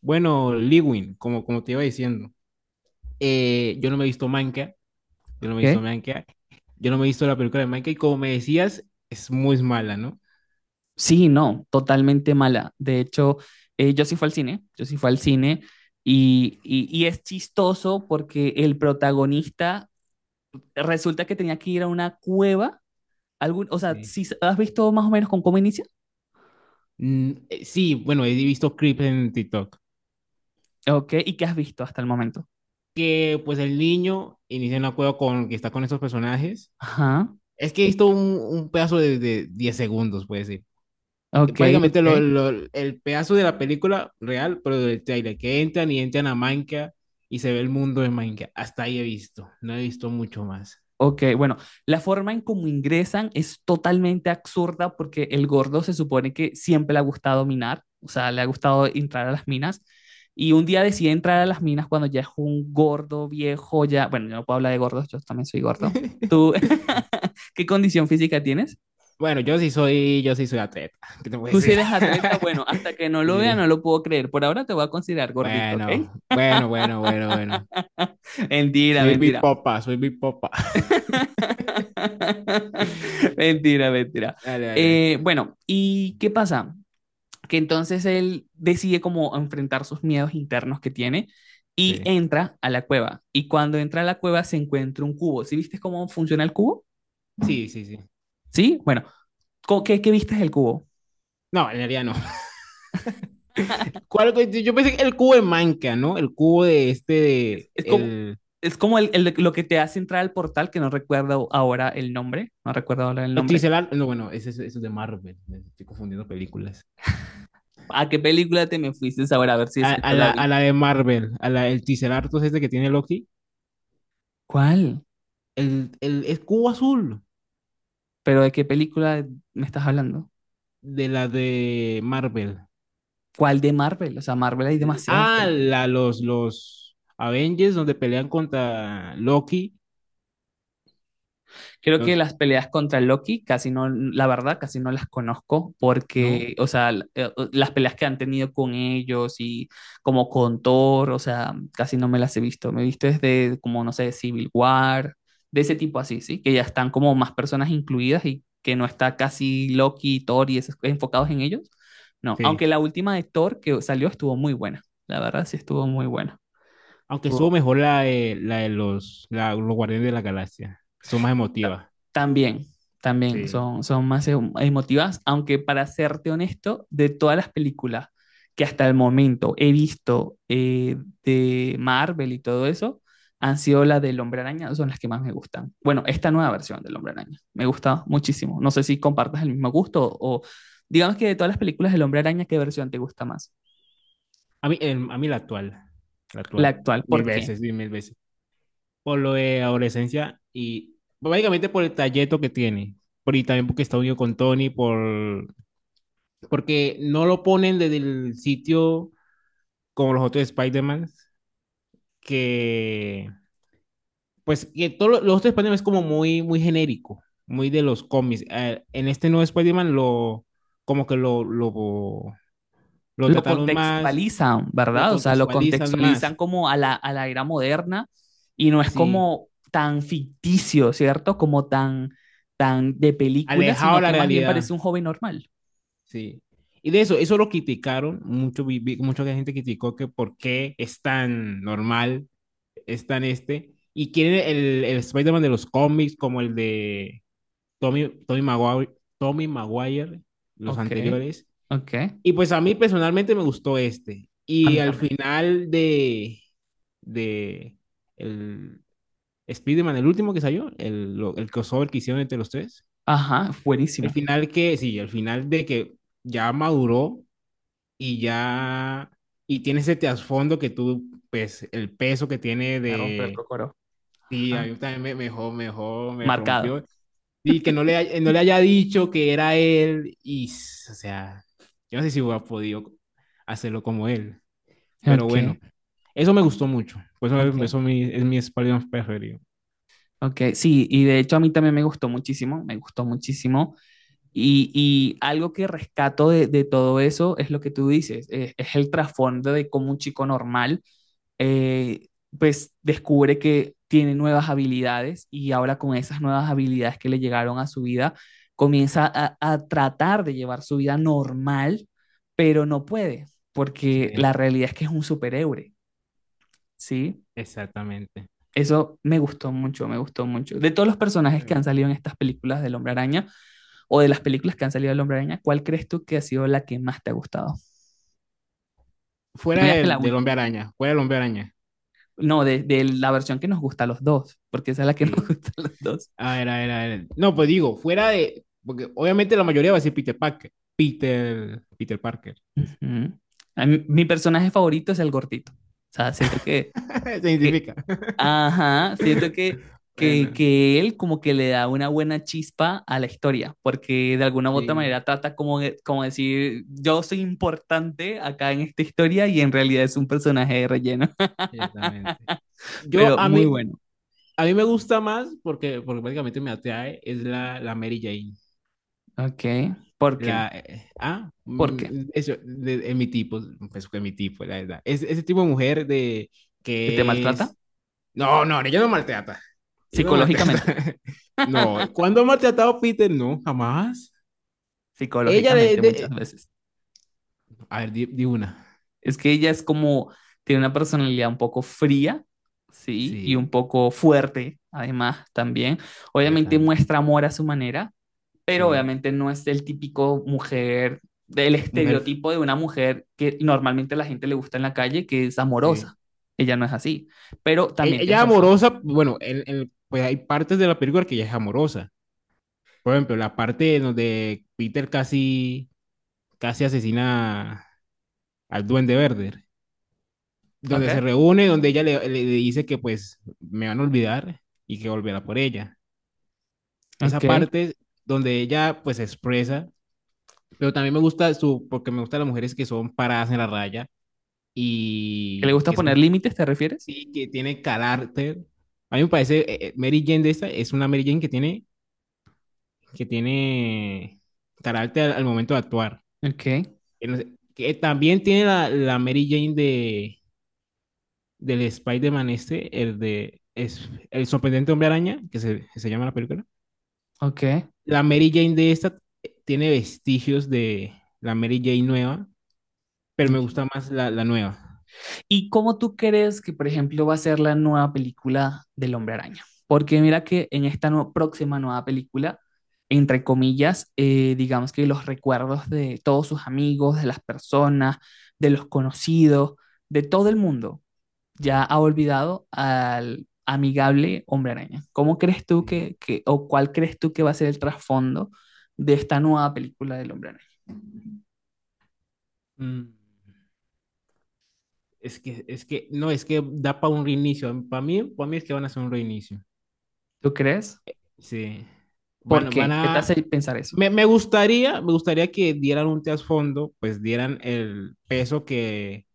Bueno, Lewin, como te iba diciendo, eh, yo no me he visto Manca, yo no me he visto ¿Qué? Manca, yo no me he visto la película de Manca y como me decías, es muy mala, ¿no? Sí, no, totalmente mala. De hecho, yo sí fui al cine, yo sí fui al cine y es chistoso porque el protagonista resulta que tenía que ir a una cueva. Algún, o sea, Sí. ¿si has visto más o menos con cómo inicia? Sí, bueno, he visto clips en TikTok, Ok, ¿y qué has visto hasta el momento? que pues el niño inicia un acuerdo con que está con estos personajes. Ajá, Es que he visto un pedazo de 10 segundos, puede ser. ok, Básicamente ok. El pedazo de la película real, pero del trailer, que entran y entran a Minecraft y se ve el mundo de Minecraft. Hasta ahí he visto, no he visto mucho más. Ok, bueno, la forma en cómo ingresan es totalmente absurda porque el gordo se supone que siempre le ha gustado minar, o sea, le ha gustado entrar a las minas y un día decide entrar a las minas cuando ya es un gordo viejo, ya, bueno, yo no puedo hablar de gordos, yo también soy gordo. ¿Tú qué condición física tienes? Bueno, yo sí soy atleta, ¿qué te puedo Tú si decir? eres atleta, bueno, hasta que no lo vea no Sí. lo puedo creer. Por ahora te voy a considerar gordito, ¿ok? Bueno, bueno, bueno, bueno, bueno. Mentira, Soy mentira. Bipopa soy Bipopa. Mentira, mentira. Dale, dale. Bueno, ¿y qué pasa? Que entonces él decide como enfrentar sus miedos internos que tiene y Sí. entra a la cueva. Y cuando entra a la cueva se encuentra un cubo. ¿Sí viste cómo funciona el cubo? Sí, sí, sí. ¿Sí? Bueno, ¿qué, qué viste del cubo? No, en realidad no. ¿Cuál? Yo pensé que el cubo de Minecraft, ¿no? El cubo de este, Es, de, es como, el es como lo que te hace entrar al portal, que no recuerdo ahora el nombre. No recuerdo ahora el nombre. Ticelar, no, bueno, eso es de Marvel, me estoy confundiendo películas. ¿A qué película te me fuiste ahora? A ver si A, esa a yo la la, vi. a la de Marvel, a la, el Ticelartos ese que tiene Loki, ¿Cuál? el es cubo azul Pero ¿de qué película me estás hablando? de la de Marvel. ¿Cuál de Marvel? O sea, Marvel hay demasiadas. Ah, los Avengers donde pelean contra Loki, Creo que los, las peleas contra Loki casi no, la verdad, casi no las conozco ¿no? porque, o sea, las peleas que han tenido con ellos y como con Thor, o sea, casi no me las he visto. Me he visto desde como, no sé, Civil War, de ese tipo así, ¿sí? Que ya están como más personas incluidas y que no está casi Loki, Thor y esos enfocados en ellos. No, Sí. aunque la última de Thor que salió estuvo muy buena. La verdad sí estuvo muy buena. Aunque estuvo O- mejor la de los, los Guardianes de la Galaxia, estuvo más ta- emotiva, También, también sí. son más emotivas, aunque para serte honesto, de todas las películas que hasta el momento he visto de Marvel y todo eso, han sido las del Hombre Araña, son las que más me gustan. Bueno, esta nueva versión del Hombre Araña me Sí. gusta muchísimo. No sé si compartas el mismo gusto o digamos que de todas las películas del Hombre Araña, ¿qué versión te gusta más? A mí la La actual, actual, mil ¿por qué? veces, sí, mil veces. Por lo de adolescencia y básicamente por el talleto que tiene. Por, y también porque está unido con Tony, por, porque no lo ponen desde el sitio como los otros Spider-Man, que pues que todos los otros Spider-Man es como muy, muy genérico, muy de los cómics. En este nuevo Spider-Man lo, como que lo Lo trataron más, contextualizan, lo ¿verdad? O sea, lo contextualizan contextualizan más, como a a la era moderna y no es sí, como tan ficticio, ¿cierto? Como tan, tan de película, alejado de sino la que más bien realidad. parece un joven normal. Sí. Y de eso, eso lo criticaron mucho, mucha gente criticó que por qué es tan normal, es tan este, y quieren el Spider-Man de los cómics como el de Tommy, Tommy Maguire, Tommy Maguire, los Ok, anteriores. ok. Y pues a mí personalmente me gustó este. A Y mí al también. final de el Spider-Man, el último que salió, el crossover que hicieron entre los tres, Ajá, el buenísimo. final que, sí, el final de que ya maduró y ya, y tiene ese trasfondo que tú, pues, el peso que tiene Me rompe el de cocoro. ti, a Ajá. mí también me, mejor, me Marcado. rompió. Y que no le, no le haya dicho que era él, y, o sea, yo no sé si hubiera podido hacerlo como él, pero Ok, bueno, eso me gustó mucho, por ok, eso, es mi Spider-Man preferido. ok. Sí, y de hecho a mí también me gustó muchísimo, me gustó muchísimo. Y algo que rescato todo eso es lo que tú dices, es el trasfondo de cómo un chico normal eh, pues descubre que tiene nuevas habilidades y ahora con esas nuevas habilidades que le llegaron a su vida, comienza a tratar de llevar su vida normal, pero no puede, Sí, porque la realidad es que es un superhéroe, ¿sí? exactamente, Eso me gustó mucho, me gustó mucho. De todos los personajes que han exactamente. salido en estas películas del Hombre Araña, o de las películas que han salido del Hombre Araña, ¿cuál crees tú que ha sido la que más te ha gustado? No digas que la última. Fuera del Hombre Araña, No, de la versión que nos gusta a los dos, porque esa es la que nos sí. gusta a los dos. A ver, a ver, a ver. No, pues digo, fuera de. Porque obviamente la mayoría va a decir Peter Parker. Peter. Peter Parker. Ujú. A mí- mi personaje favorito es el gordito. O sea, siento que, Se que identifica. ajá, siento Bueno, que él como que le da una buena chispa a la historia, porque de alguna u otra sí, manera trata como, de- como decir, yo soy importante acá en esta historia y en realidad es un personaje de relleno, exactamente. Yo pero muy bueno. a mí me gusta más porque, porque prácticamente me atrae, es la Mary Jane. Ok, ¿por qué? La, ¿Por qué? Eso, de mi tipo, pues que mi tipo, la verdad. Es, ese tipo de mujer de ¿Se te que maltrata? es. No, no, no, ella no maltrata. Ella no maltrata. Psicológicamente. No, ¿cuándo ha maltratado Peter? No, jamás. Ella le... Psicológicamente muchas de- veces. A ver, di una. Es que ella es como, tiene una personalidad un poco fría, ¿sí? Y un Sí, poco fuerte, además, también. Obviamente exactamente. muestra amor a su manera, pero Sí. obviamente no es el típico mujer, del Mujer. estereotipo de una mujer que normalmente a la gente le gusta en la calle, que es Sí. amorosa. Ella no es así. Pero E- también tienes Ella, razón. amorosa, bueno, pues hay partes de la película que ella es amorosa. Por ejemplo, la parte en donde Peter casi asesina al Duende Verde. Donde Ok, se reúne, donde ella le, le dice que pues me van a olvidar y que volverá por ella. Esa ok. parte donde ella pues se expresa, pero también me gusta su, porque me gustan las mujeres que son paradas en la raya ¿Que le y gusta que son poner límites, te refieres? sí, que tiene carácter. A mí me parece, Mary Jane de esta es una Mary Jane que tiene carácter al momento de actuar. Ok, Que, no sé- que también tiene la Mary Jane de, del Spider-Man este, el de es, El sorprendente hombre araña, que se llama la película. ok, La Mary Jane de esta tiene vestigios de la Mary Jane nueva, pero me ok. gusta más la nueva. ¿Y cómo tú crees que, por ejemplo, va a ser la nueva película del Hombre Araña? Porque mira que en esta próxima nueva película, entre comillas, digamos que los recuerdos de todos sus amigos, de las personas, de los conocidos, de todo el mundo, ya ha olvidado al amigable Hombre Araña. ¿Cómo crees tú Sí. que o cuál crees tú que va a ser el trasfondo de esta nueva película del Hombre Araña? Mm. No, es que da para un reinicio. Para mí es que van a hacer un reinicio. ¿Tú crees? Sí. ¿Por Van qué? ¿Qué te a... hace pensar eso? Me gustaría que dieran un trasfondo, pues dieran el peso que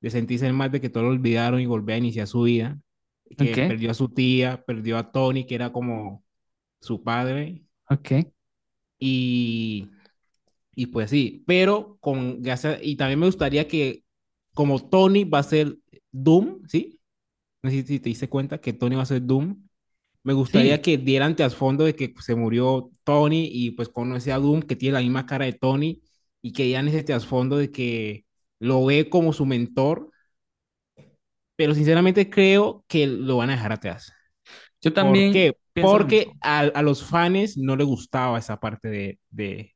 de sentirse el mal de que todo lo olvidaron y volver a iniciar su vida, Ok, que perdió a su tía, perdió a Tony, que era como su padre, ok, y, y pues sí, pero con gracias, y también me gustaría que como Tony va a ser Doom, ¿sí? No sé si te diste cuenta que Tony va a ser Doom, me gustaría sí. que dieran trasfondo de que pues, se murió Tony y pues conoce a Doom, que tiene la misma cara de Tony, y que dieran ese trasfondo de que lo ve como su mentor, pero sinceramente creo que lo van a dejar atrás. Yo ¿Por también qué? pienso lo Porque mismo. A los fans no les gustaba esa parte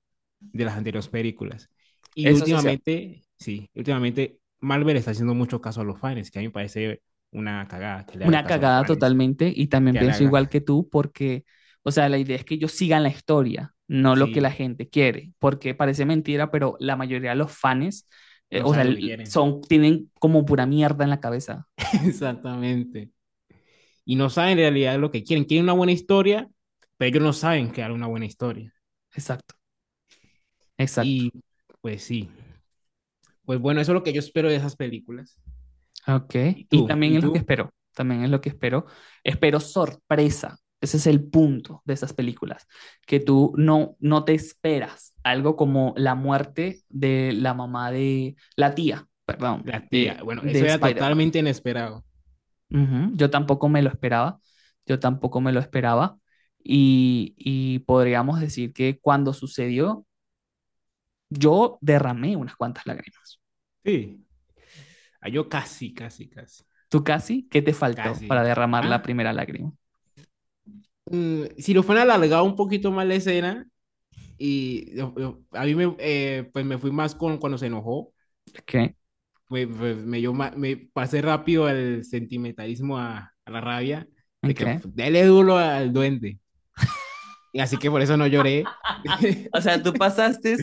de las anteriores películas. Y Eso sí es cierto. últimamente, sí, últimamente Marvel está haciendo mucho caso a los fans, que a mí me parece una cagada que le haga Una caso a los cagada fans, totalmente y también que le pienso igual haga, que tú porque, o sea, la idea es que ellos sigan la historia, no lo que la sí, gente quiere, porque parece mentira, pero la mayoría de los fans, no o sea, sabe lo que quieren. son, tienen como pura mierda en la cabeza. Exactamente. Y no saben en realidad lo que quieren. Quieren una buena historia, pero ellos no saben crear una buena historia. Exacto, exacto. Y pues sí. Pues bueno, eso es lo que yo espero de esas películas. Ok, ¿Y y tú? también ¿Y es lo que tú? espero, también es lo que espero. Espero sorpresa, ese es el punto de esas películas, que tú no, no te esperas algo como la muerte de la mamá la tía, perdón, La tía. Bueno, de eso era Spider-Man. totalmente inesperado. Ujú, yo tampoco me lo esperaba, yo tampoco me lo esperaba y podríamos decir que cuando sucedió, yo derramé unas cuantas lágrimas. Sí. Ah, yo casi. ¿Tú casi? ¿Qué te faltó para Casi. derramar la ¿Ah? primera lágrima? Mm, si lo fueran alargado un poquito más la escena, y a mí me, pues me fui más con cuando se enojó ¿Qué? me, pues, me, me pasé rápido al sentimentalismo, a la rabia, ¿En de que qué? Dele duro al duende. Y así que por eso no lloré. O sea, tú pasaste,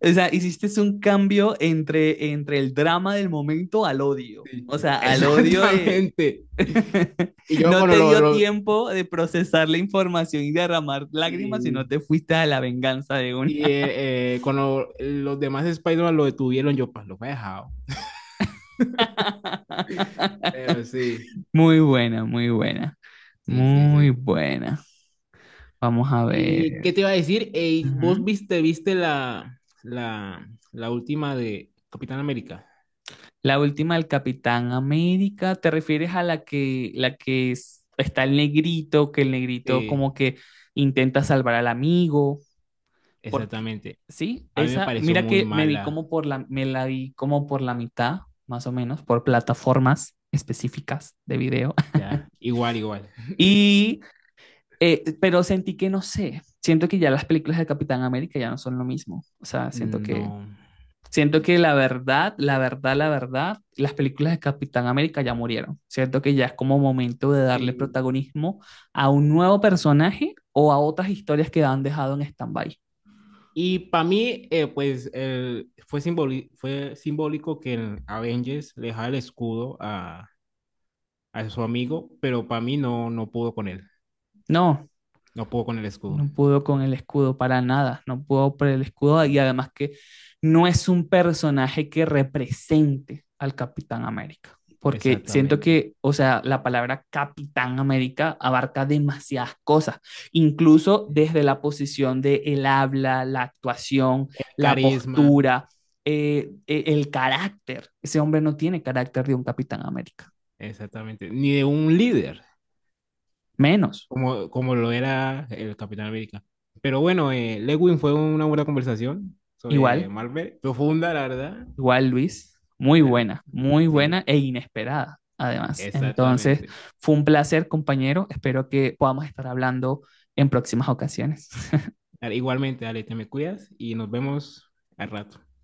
o sea, hiciste un cambio entre, entre el drama del momento al odio. Sí, O sea, al odio de... exactamente. Y yo No cuando te dio tiempo de procesar la información y derramar lágrimas, sino y, te fuiste a la venganza de una. Cuando los demás Spider-Man lo detuvieron, yo pues lo he dejado. Pero sí, Muy buena, muy buena, sí, sí, muy sí. buena. Vamos a ¿Y ver. qué te iba a decir? Ey, ¿vos Ujú. Viste la última de Capitán América? La última del Capitán América, ¿te refieres a la que está el negrito, que el negrito Sí, como que intenta salvar al amigo? Porque, exactamente. sí, A mí me esa, pareció mira muy que me vi mala, como por la, me la vi como por la mitad, más o menos, por plataformas específicas de video. ya. Igual, igual. Y, pero sentí que no sé, siento que ya las películas de Capitán América ya no son lo mismo. O sea, siento que No. siento que la verdad, la verdad, la verdad, las películas de Capitán América ya murieron. Siento que ya es como momento de darle Sí. protagonismo a un nuevo personaje o a otras historias que han dejado en stand-by. Y para mí, pues, fue, fue simbólico que en Avengers le dejara el escudo a su amigo, pero para mí no, no pudo con él. No, No pudo con el escudo. no pudo con el escudo para nada, no pudo por el escudo y Sí, además que no es un personaje que represente al Capitán América, porque siento exactamente. que, o sea, la palabra Capitán América abarca demasiadas cosas, incluso Sí. desde la posición de el habla, la actuación, El la carisma, postura, el carácter. Ese hombre no tiene carácter de un Capitán América, exactamente. Ni de un líder, menos. Como lo era el Capitán América. Pero bueno, Lewin, fue una buena conversación sobre Igual, Marvel, profunda, la verdad. igual, Luis, Dale, muy sí, buena e inesperada, además. Entonces, exactamente. fue un placer, compañero. Espero que podamos estar hablando en próximas ocasiones. Dale, igualmente, dale, te me cuidas y nos vemos al rato.